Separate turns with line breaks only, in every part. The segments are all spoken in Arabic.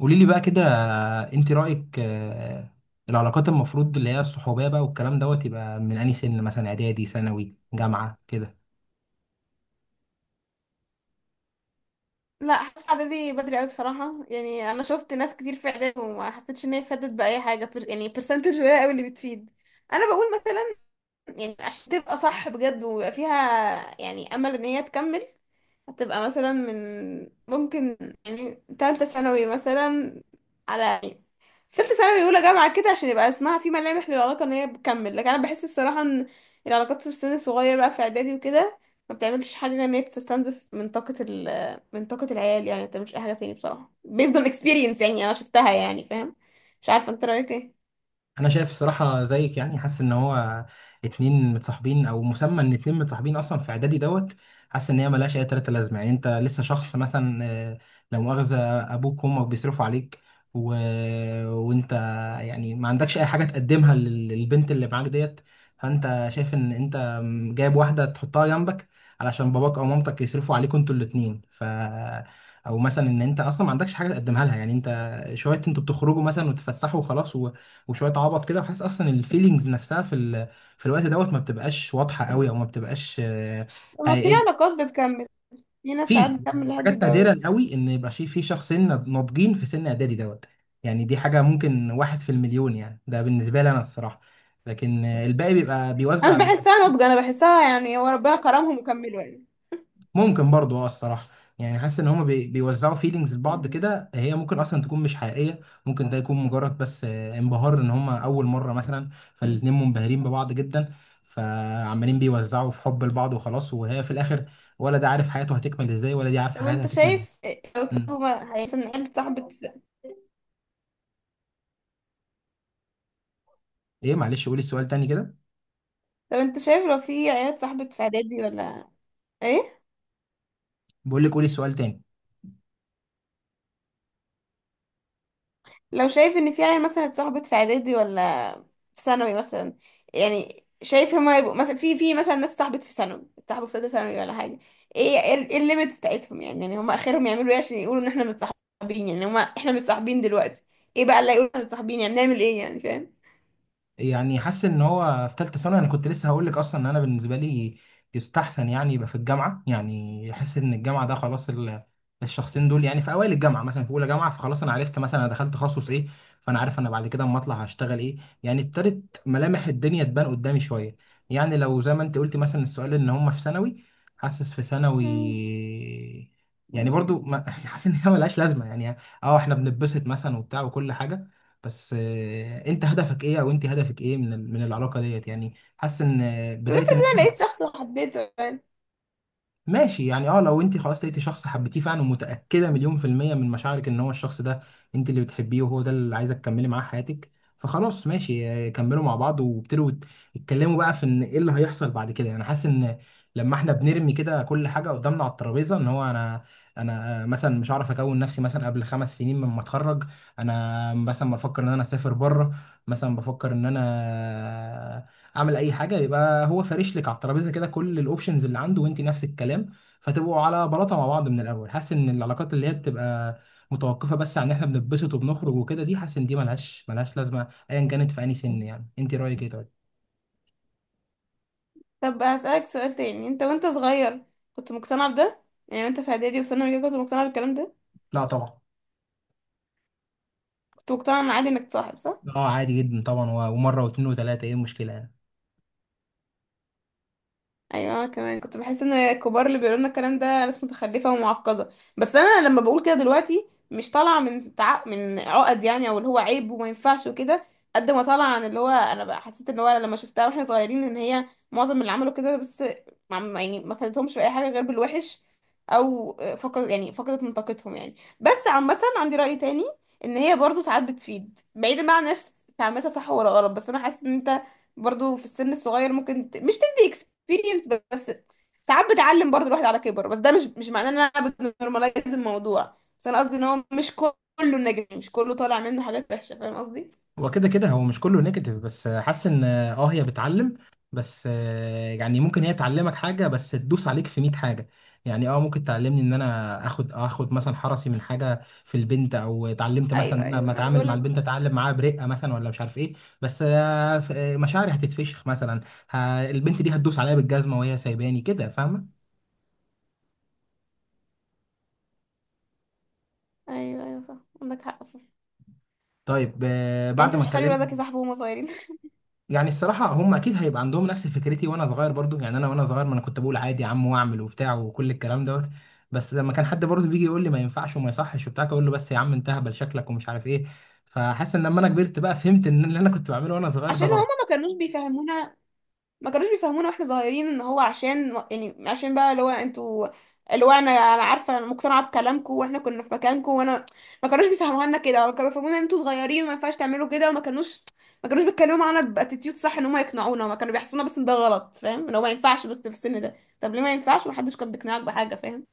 قولي لي بقى كده، انت رأيك، العلاقات المفروض اللي هي الصحوبية بقى والكلام دوت، يبقى من انهي سن؟ مثلا اعدادي، ثانوي، جامعة كده؟
لا، حاسه اعدادي بدري قوي بصراحه. يعني انا شفت ناس كتير في اعدادي وما حسيتش ان هي فادت باي حاجه يعني برسنتج قليل قوي اللي بتفيد. انا بقول مثلا، يعني عشان تبقى صح بجد ويبقى فيها يعني امل ان هي تكمل، هتبقى مثلا ممكن يعني تالتة ثانوي مثلا، على يعني في تالتة ثانوي أولى جامعة كده، عشان يبقى اسمها في ملامح للعلاقة إن هي بتكمل. لكن أنا بحس الصراحة إن العلاقات في السن الصغير بقى في إعدادي وكده ما بتعملش حاجة غير إن هي بتستنزف من طاقة من طاقة العيال. يعني ما بتعملش أي حاجة تاني بصراحة، based on experience يعني، أنا شفتها يعني، فاهم؟ مش عارفة أنت رأيك إيه.
انا شايف الصراحه زيك، يعني حاسس ان هو اتنين متصاحبين، او مسمى ان اتنين متصاحبين اصلا في اعدادي دوت. حاسس ان هي ملهاش اي تلاته لازمه، يعني انت لسه شخص مثلا، لا مؤاخذه، ابوك وامك بيصرفوا عليك، و... وانت يعني ما عندكش اي حاجه تقدمها للبنت اللي معاك ديت. فانت شايف ان انت جايب واحده تحطها جنبك، علشان باباك او مامتك يصرفوا عليكوا انتوا الاتنين. او مثلا ان انت اصلا ما عندكش حاجه تقدمها لها، يعني انت شويه، انتوا بتخرجوا مثلا وتتفسحوا وخلاص، وشويه عبط كده. وحاسس اصلا الفيلينجز نفسها في الوقت دوت ما بتبقاش واضحه قوي، او ما بتبقاش
لما في
حقيقيه.
علاقات بتكمل، في ناس ساعات
في
بتكمل لحد
حاجات نادره
الجواز.
قوي ان يبقى في شخصين ناضجين في سن اعدادي دوت. يعني دي حاجه ممكن واحد في المليون، يعني ده بالنسبه لي انا الصراحه. لكن الباقي بيبقى
أنا
بيوزع.
مش بحسها نضج، أنا بحسها يعني هو ربنا كرمهم وكملوا
ممكن برضو، اه الصراحة، يعني حاسس ان هما بيوزعوا فيلينجز لبعض
يعني.
كده، هي ممكن اصلا تكون مش حقيقية. ممكن ده يكون مجرد بس انبهار، ان هما اول مرة مثلا، فالاتنين منبهرين ببعض جدا، فعمالين بيوزعوا في حب لبعض وخلاص. وهي في الاخر، ولا ده عارف حياته هتكمل ازاي، ولا دي
طب
عارفة حياتها
انت
هتكمل ازاي.
شايف لو
مم.
صاحبه مثلا عيلة صاحبة
ايه معلش، قولي السؤال تاني كده.
لو انت شايف لو في عيلة صاحبة في اعدادي ولا ايه،
بقول لك، قولي السؤال تاني.
لو شايف ان في عيلة مثلا اتصاحبت في اعدادي ولا في ثانوي مثلا، يعني شايف هما يبقوا مثلا في مثلا ناس صاحبت في ثانوي، صاحبوا في ثالثة ثانوي ولا حاجة؟ ايه الليميت بتاعتهم يعني؟ يعني هما اخرهم يعملوا ايه عشان يقولوا ان احنا متصاحبين؟ يعني هما احنا متصاحبين دلوقتي، ايه بقى اللي هيقولوا احنا متصاحبين؟ يعني نعمل ايه يعني، فاهم؟
يعني حاسس ان هو في ثالثه ثانوي، انا كنت لسه هقول لك اصلا، ان انا بالنسبه لي يستحسن، يعني يبقى في الجامعه. يعني احس ان الجامعه ده خلاص، الشخصين دول يعني في اوائل الجامعه مثلا، في اولى جامعه، فخلاص انا عرفت مثلا انا دخلت تخصص ايه. فانا عارف انا بعد كده اما اطلع هشتغل ايه، يعني ابتدت ملامح الدنيا تبان قدامي شويه. يعني لو زي ما انت قلت مثلا السؤال، ان هم في ثانوي. حاسس في ثانوي،
مم.
يعني برضو ما حاسس ان هي ملهاش لازمه يعني. اه احنا بنتبسط مثلا وبتاع وكل حاجه، بس انت هدفك ايه؟ او انت هدفك ايه من العلاقه ديت؟ يعني حاسس ان
طب افرض
بدايه ان
انا
احنا
لقيت شخص وحبيته يعني.
ماشي. يعني اه، لو انت خلاص لقيتي شخص حبيتيه فعلا ومتأكدة مليون% من مشاعرك ان هو الشخص ده انت اللي بتحبيه، وهو ده اللي عايزة تكملي معاه حياتك. فخلاص ماشي، كملوا مع بعض وابتدوا يتكلموا بقى في ان ايه اللي هيحصل بعد كده. يعني حاسس ان لما احنا بنرمي كده كل حاجة قدامنا على الترابيزة، ان هو انا مثلا مش عارف، اكون نفسي مثلا قبل 5 سنين لما اتخرج. انا مثلا بفكر ان انا اسافر بره، مثلا بفكر ان انا اعمل اي حاجه. يبقى هو فارش لك على الترابيزه كده كل الاوبشنز اللي عنده، وانت نفس الكلام. فتبقوا على بلاطه مع بعض من الاول. حاسس ان العلاقات اللي هي بتبقى متوقفه بس عن ان احنا بنتبسط وبنخرج وكده، دي حاسس ان دي ملهاش لازمه ايا كانت في اي سن. يعني انت رايك ايه؟ طيب.
طب هسألك سؤال تاني، انت وانت صغير كنت مقتنع بده؟ يعني وانت في اعدادي وثانوي كده كنت مقتنع بالكلام ده؟
لا طبعا.
كنت مقتنع ان عادي انك تصاحب، صح؟
اه عادي جدا طبعا، ومره واثنين وثلاثه، ايه المشكله يعني؟
ايوه، أنا كمان كنت بحس ان الكبار اللي بيقولوا لنا الكلام ده ناس متخلفه ومعقده. بس انا لما بقول كده دلوقتي مش طالعه من من عقد يعني، او اللي هو عيب وما ينفعش وكده، قد ما طالعه عن اللي هو انا بقى حسيت ان هو لما شفتها واحنا صغيرين ان هي معظم اللي عملوا كده بس يعني ما فادتهمش في اي حاجه غير بالوحش، او فقد يعني فقدت من طاقتهم يعني. بس عامه عندي راي تاني، ان هي برضو ساعات بتفيد بعيدا بقى عن الناس تعملها صح ولا غلط. بس انا حاسه ان انت برضو في السن الصغير ممكن مش اكسبيرينس بس، ساعات بتعلم برضو الواحد على كبر. بس ده مش معناه ان انا بنورماليز الموضوع، بس انا قصدي ان هو مش كله نجم، مش كله طالع منه حاجات وحشه، فاهم قصدي؟
هو كده كده هو مش كله نيجاتيف، بس حاسس ان اه هي بتعلم، بس يعني ممكن هي تعلمك حاجه بس تدوس عليك في 100 حاجه. يعني اه ممكن تعلمني ان انا اخد مثلا حرصي من حاجه في البنت، او اتعلمت مثلا
ايوه
ان انا
ايوه،
لما
ما انا
اتعامل
بقول
مع البنت
لك.
اتعلم معاها برقه مثلا، ولا مش عارف ايه. بس مشاعري هتتفشخ مثلا. البنت دي هتدوس عليا بالجزمه وهي سايباني كده، فاهمه؟
ايوه ايوه، صح، عندك حق فيه.
طيب
يعني
بعد
انت
ما
مش تخلي
اتكلمنا،
ولادك يصاحبوا وهم صغيرين؟
يعني الصراحة هم أكيد هيبقى عندهم نفس فكرتي وأنا صغير برضو. يعني أنا وأنا صغير، ما أنا كنت بقول عادي يا عم، وأعمل وبتاع وكل الكلام دوت. بس لما كان حد برضو بيجي يقول لي ما ينفعش وما يصحش وبتاع، أقول له بس يا عم انت هبل شكلك، ومش عارف إيه. فحاسس إن لما أنا كبرت بقى، فهمت إن اللي أنا كنت بعمله وأنا صغير ده
عشان هما
غلط.
ما كانوش بيفهمونا، ما كانوش بيفهمونا واحنا صغيرين ان هو عشان يعني، عشان بقى اللي هو انتوا، اللي هو انا عارفه انا مقتنعه بكلامكم واحنا كنا في مكانكم، وانا ما كانوش بيفهموها لنا كده، ما كانوا بيفهمونا ان انتوا صغيرين وما ينفعش تعملوا كده. وما كانوش، ما كانوش بيتكلموا معانا باتيتيود صح ان هم يقنعونا، ما كانوا بيحسونا بس ان ده غلط، فاهم؟ ان هو ما ينفعش بس في السن ده. طب ليه ما ينفعش ومحدش كان بيقنعك بحاجه، فاهم؟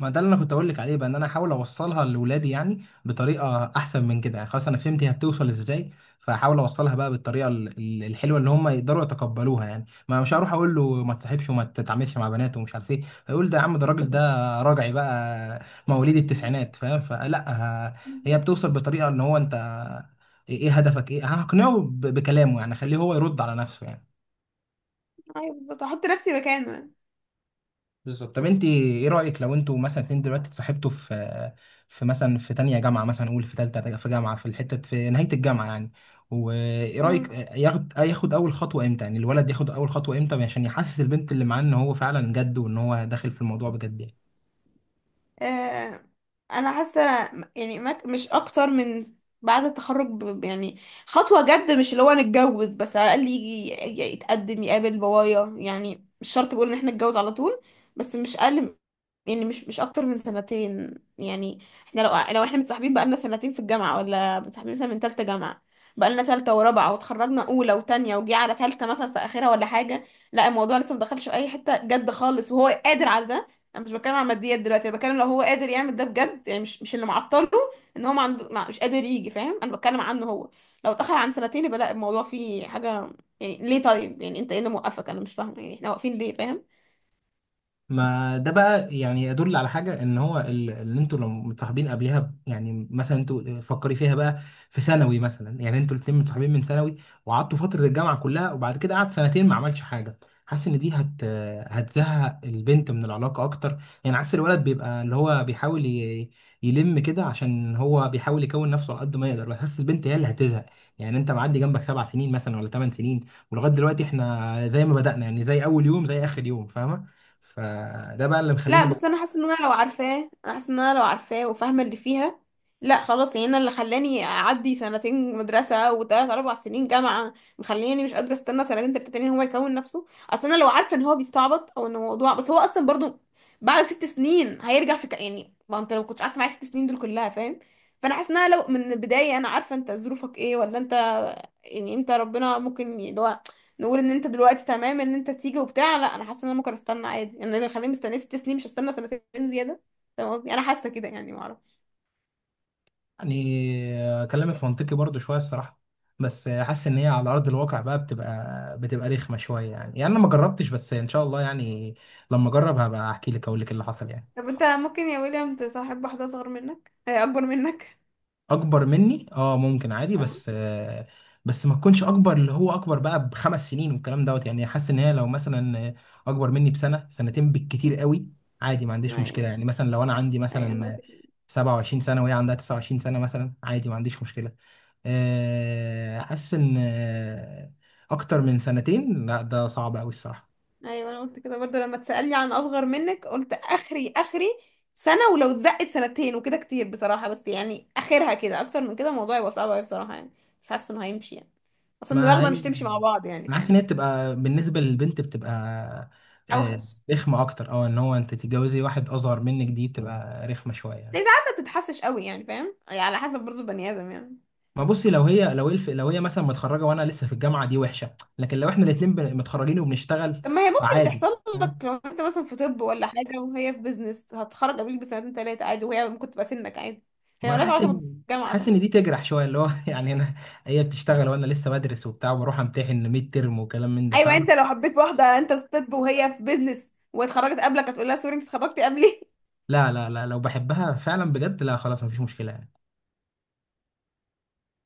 ما ده اللي انا كنت اقول لك عليه بقى، ان انا احاول اوصلها لاولادي يعني، بطريقه احسن من كده. يعني خلاص انا فهمت هي بتوصل ازاي، فاحاول اوصلها بقى بالطريقه الحلوه اللي هم يقدروا يتقبلوها. يعني ما مش هروح اقول له ما تصاحبش وما تتعاملش مع بنات ومش عارف ايه. هيقول ده يا عم، ده الراجل ده راجعي بقى مواليد التسعينات، فاهم؟ فلا. ه- هي
بالظبط.
بتوصل بطريقه ان هو انت إيه هدفك ايه. هقنعه بكلامه، يعني خليه هو يرد على نفسه يعني.
ايوه بالظبط، احط نفسي مكانه.
بالظبط. طب انت ايه رايك لو انتوا مثلا اتنين دلوقتي اتصاحبتوا في مثلا في تانية جامعه، مثلا قول في تالتة في جامعه، في الحته في نهايه الجامعه يعني. وايه رايك
يعني.
ياخد اول خطوه امتى؟ يعني الولد ياخد اول خطوه امتى عشان يحسس البنت اللي معاه ان هو فعلا جد، وان هو داخل في الموضوع بجد يعني؟
آه، انا حاسه يعني ما مش اكتر من بعد التخرج يعني خطوه جد، مش اللي هو نتجوز، بس على الاقل يجي يتقدم يقابل بابايا. يعني مش شرط بقول ان احنا نتجوز على طول، بس مش اقل يعني، مش اكتر من 2 سنين يعني. احنا لو، لو احنا متصاحبين بقالنا 2 سنين في الجامعه، ولا متصاحبين مثلا من تالتة جامعه، بقالنا تالتة ورابعه، وتخرجنا اولى وتانية وجي على تالتة مثلا في اخرها ولا حاجه، لا الموضوع لسه مدخلش في اي حته جد خالص وهو قادر على ده. انا مش بتكلم عن ماديات دلوقتي، انا بتكلم لو هو قادر يعمل ده بجد، يعني مش اللي معطله ان هو ما عنده مش قادر يجي، فاهم؟ انا بتكلم عنه هو. لو اتاخر عن 2 سنين يبقى لا، الموضوع فيه حاجه يعني. ليه طيب؟ يعني انت ايه اللي موقفك؟ انا مش فاهمه يعني احنا واقفين ليه، فاهم؟
ما ده بقى يعني يدل على حاجة. ان هو اللي انتوا لو متصاحبين قبلها يعني مثلا انتوا فكري فيها بقى في ثانوي مثلا. يعني انتوا الاتنين متصاحبين من ثانوي، وقعدتوا فترة الجامعة كلها، وبعد كده قعد سنتين ما عملش حاجة. حاسس ان دي هتزهق البنت من العلاقة اكتر. يعني حاسس الولد بيبقى اللي هو بيحاول يلم كده، عشان هو بيحاول يكون نفسه على قد ما يقدر. بحس البنت هي اللي هتزهق. يعني انت معدي جنبك 7 سنين مثلا، ولا 8 سنين، ولغاية دلوقتي احنا زي ما بدأنا، يعني زي اول يوم زي اخر يوم، فاهمة؟ فده بقى اللي
لا
مخليني بقول.
بس انا حاسه ان انا لو عارفاه، انا حاسه ان انا لو عارفاه وفاهمه اللي فيها، لا خلاص يعني. انا اللي خلاني اعدي 2 سنين مدرسه وثلاث اربع سنين جامعه مخليني مش قادره استنى 2 3 تانيين هو يكون نفسه. اصل انا لو عارفه ان هو بيستعبط او ان الموضوع بس، هو اصلا برضو بعد 6 سنين هيرجع في يعني، ما انت لو كنت قعدت معايا 6 سنين دول كلها، فاهم؟ فانا حاسه ان انا لو من البدايه انا عارفه انت ظروفك ايه ولا انت، يعني انت ربنا ممكن نقول ان انت دلوقتي تمام ان انت تيجي وبتاع، لا انا حاسه ان انا ممكن استنى عادي يعني. انا اللي خليني مستنيه 6 سنين مش هستنى 2 سنين زياده، فاهم قصدي؟ انا حاسه كده يعني، ما اعرف.
يعني كلامك منطقي برضو شويه الصراحه، بس حاسس ان هي على ارض الواقع بقى بتبقى رخمه شويه يعني. يعني انا ما جربتش، بس ان شاء الله يعني لما اجرب هبقى احكي لك، اقول لك اللي حصل يعني.
طب انت ممكن يا ويليام تصاحب واحده اصغر منك هي اكبر منك؟
اكبر مني؟ اه، ممكن، عادي.
اه.
بس بس ما تكونش اكبر، اللي هو اكبر بقى بخمس سنين والكلام دوت. يعني حاسس ان هي لو مثلا اكبر مني بسنه سنتين بالكتير قوي، عادي ما عنديش مشكله.
ايوه
يعني مثلا لو انا عندي
ايوه، انا
مثلا
قلت كده.
27 سنه وهي عندها 29 سنه مثلا، عادي ما عنديش مشكله. حاسس ان اكتر من سنتين، لا ده صعب قوي الصراحه.
ايوه انا قلت كده برضو لما تسالني عن اصغر منك، قلت اخري سنه، ولو اتزقت 2 سنين وكده كتير بصراحه. بس يعني اخرها كده، اكتر من كده الموضوع يبقى صعب قوي بصراحه يعني، مش حاسه انه هيمشي يعني. اصلا
ما
دماغنا
هي
مش تمشي مع بعض يعني،
انا حاسس
فاهم؟
ان هي بتبقى بالنسبه للبنت بتبقى آه،
اوحش.
رخمه اكتر. او ان هو انت تتجوزي واحد اصغر منك، دي بتبقى رخمه شويه
زي
يعني.
ساعات ما بتتحسش قوي يعني، فاهم؟ يعني على حسب برضو بني ادم يعني.
ما بصي، لو هي مثلا متخرجه وانا لسه في الجامعه، دي وحشه. لكن لو احنا الاثنين متخرجين وبنشتغل،
طب ما هي ممكن
فعادي،
تحصل لك
فاهم؟
لو انت مثلا في طب ولا حاجه وهي في بيزنس، هتخرج قبلك ب2 3 سنين عادي، وهي ممكن تبقى سنك عادي. هي
ما انا
مالهاش
حاسس
علاقه
ان
بالجامعه،
حاسس
فاهم؟
ان دي تجرح شويه، اللي هو يعني انا. هي بتشتغل وانا لسه بدرس وبتاع وبروح امتحن ميد ترم وكلام من ده،
ايوه، انت
فاهم؟
لو حبيت واحده انت في طب وهي في بيزنس واتخرجت قبلك، هتقول لها سوري انت اتخرجتي قبلي؟
لا لا لا، لو بحبها فعلا بجد لا، خلاص مفيش مشكلة.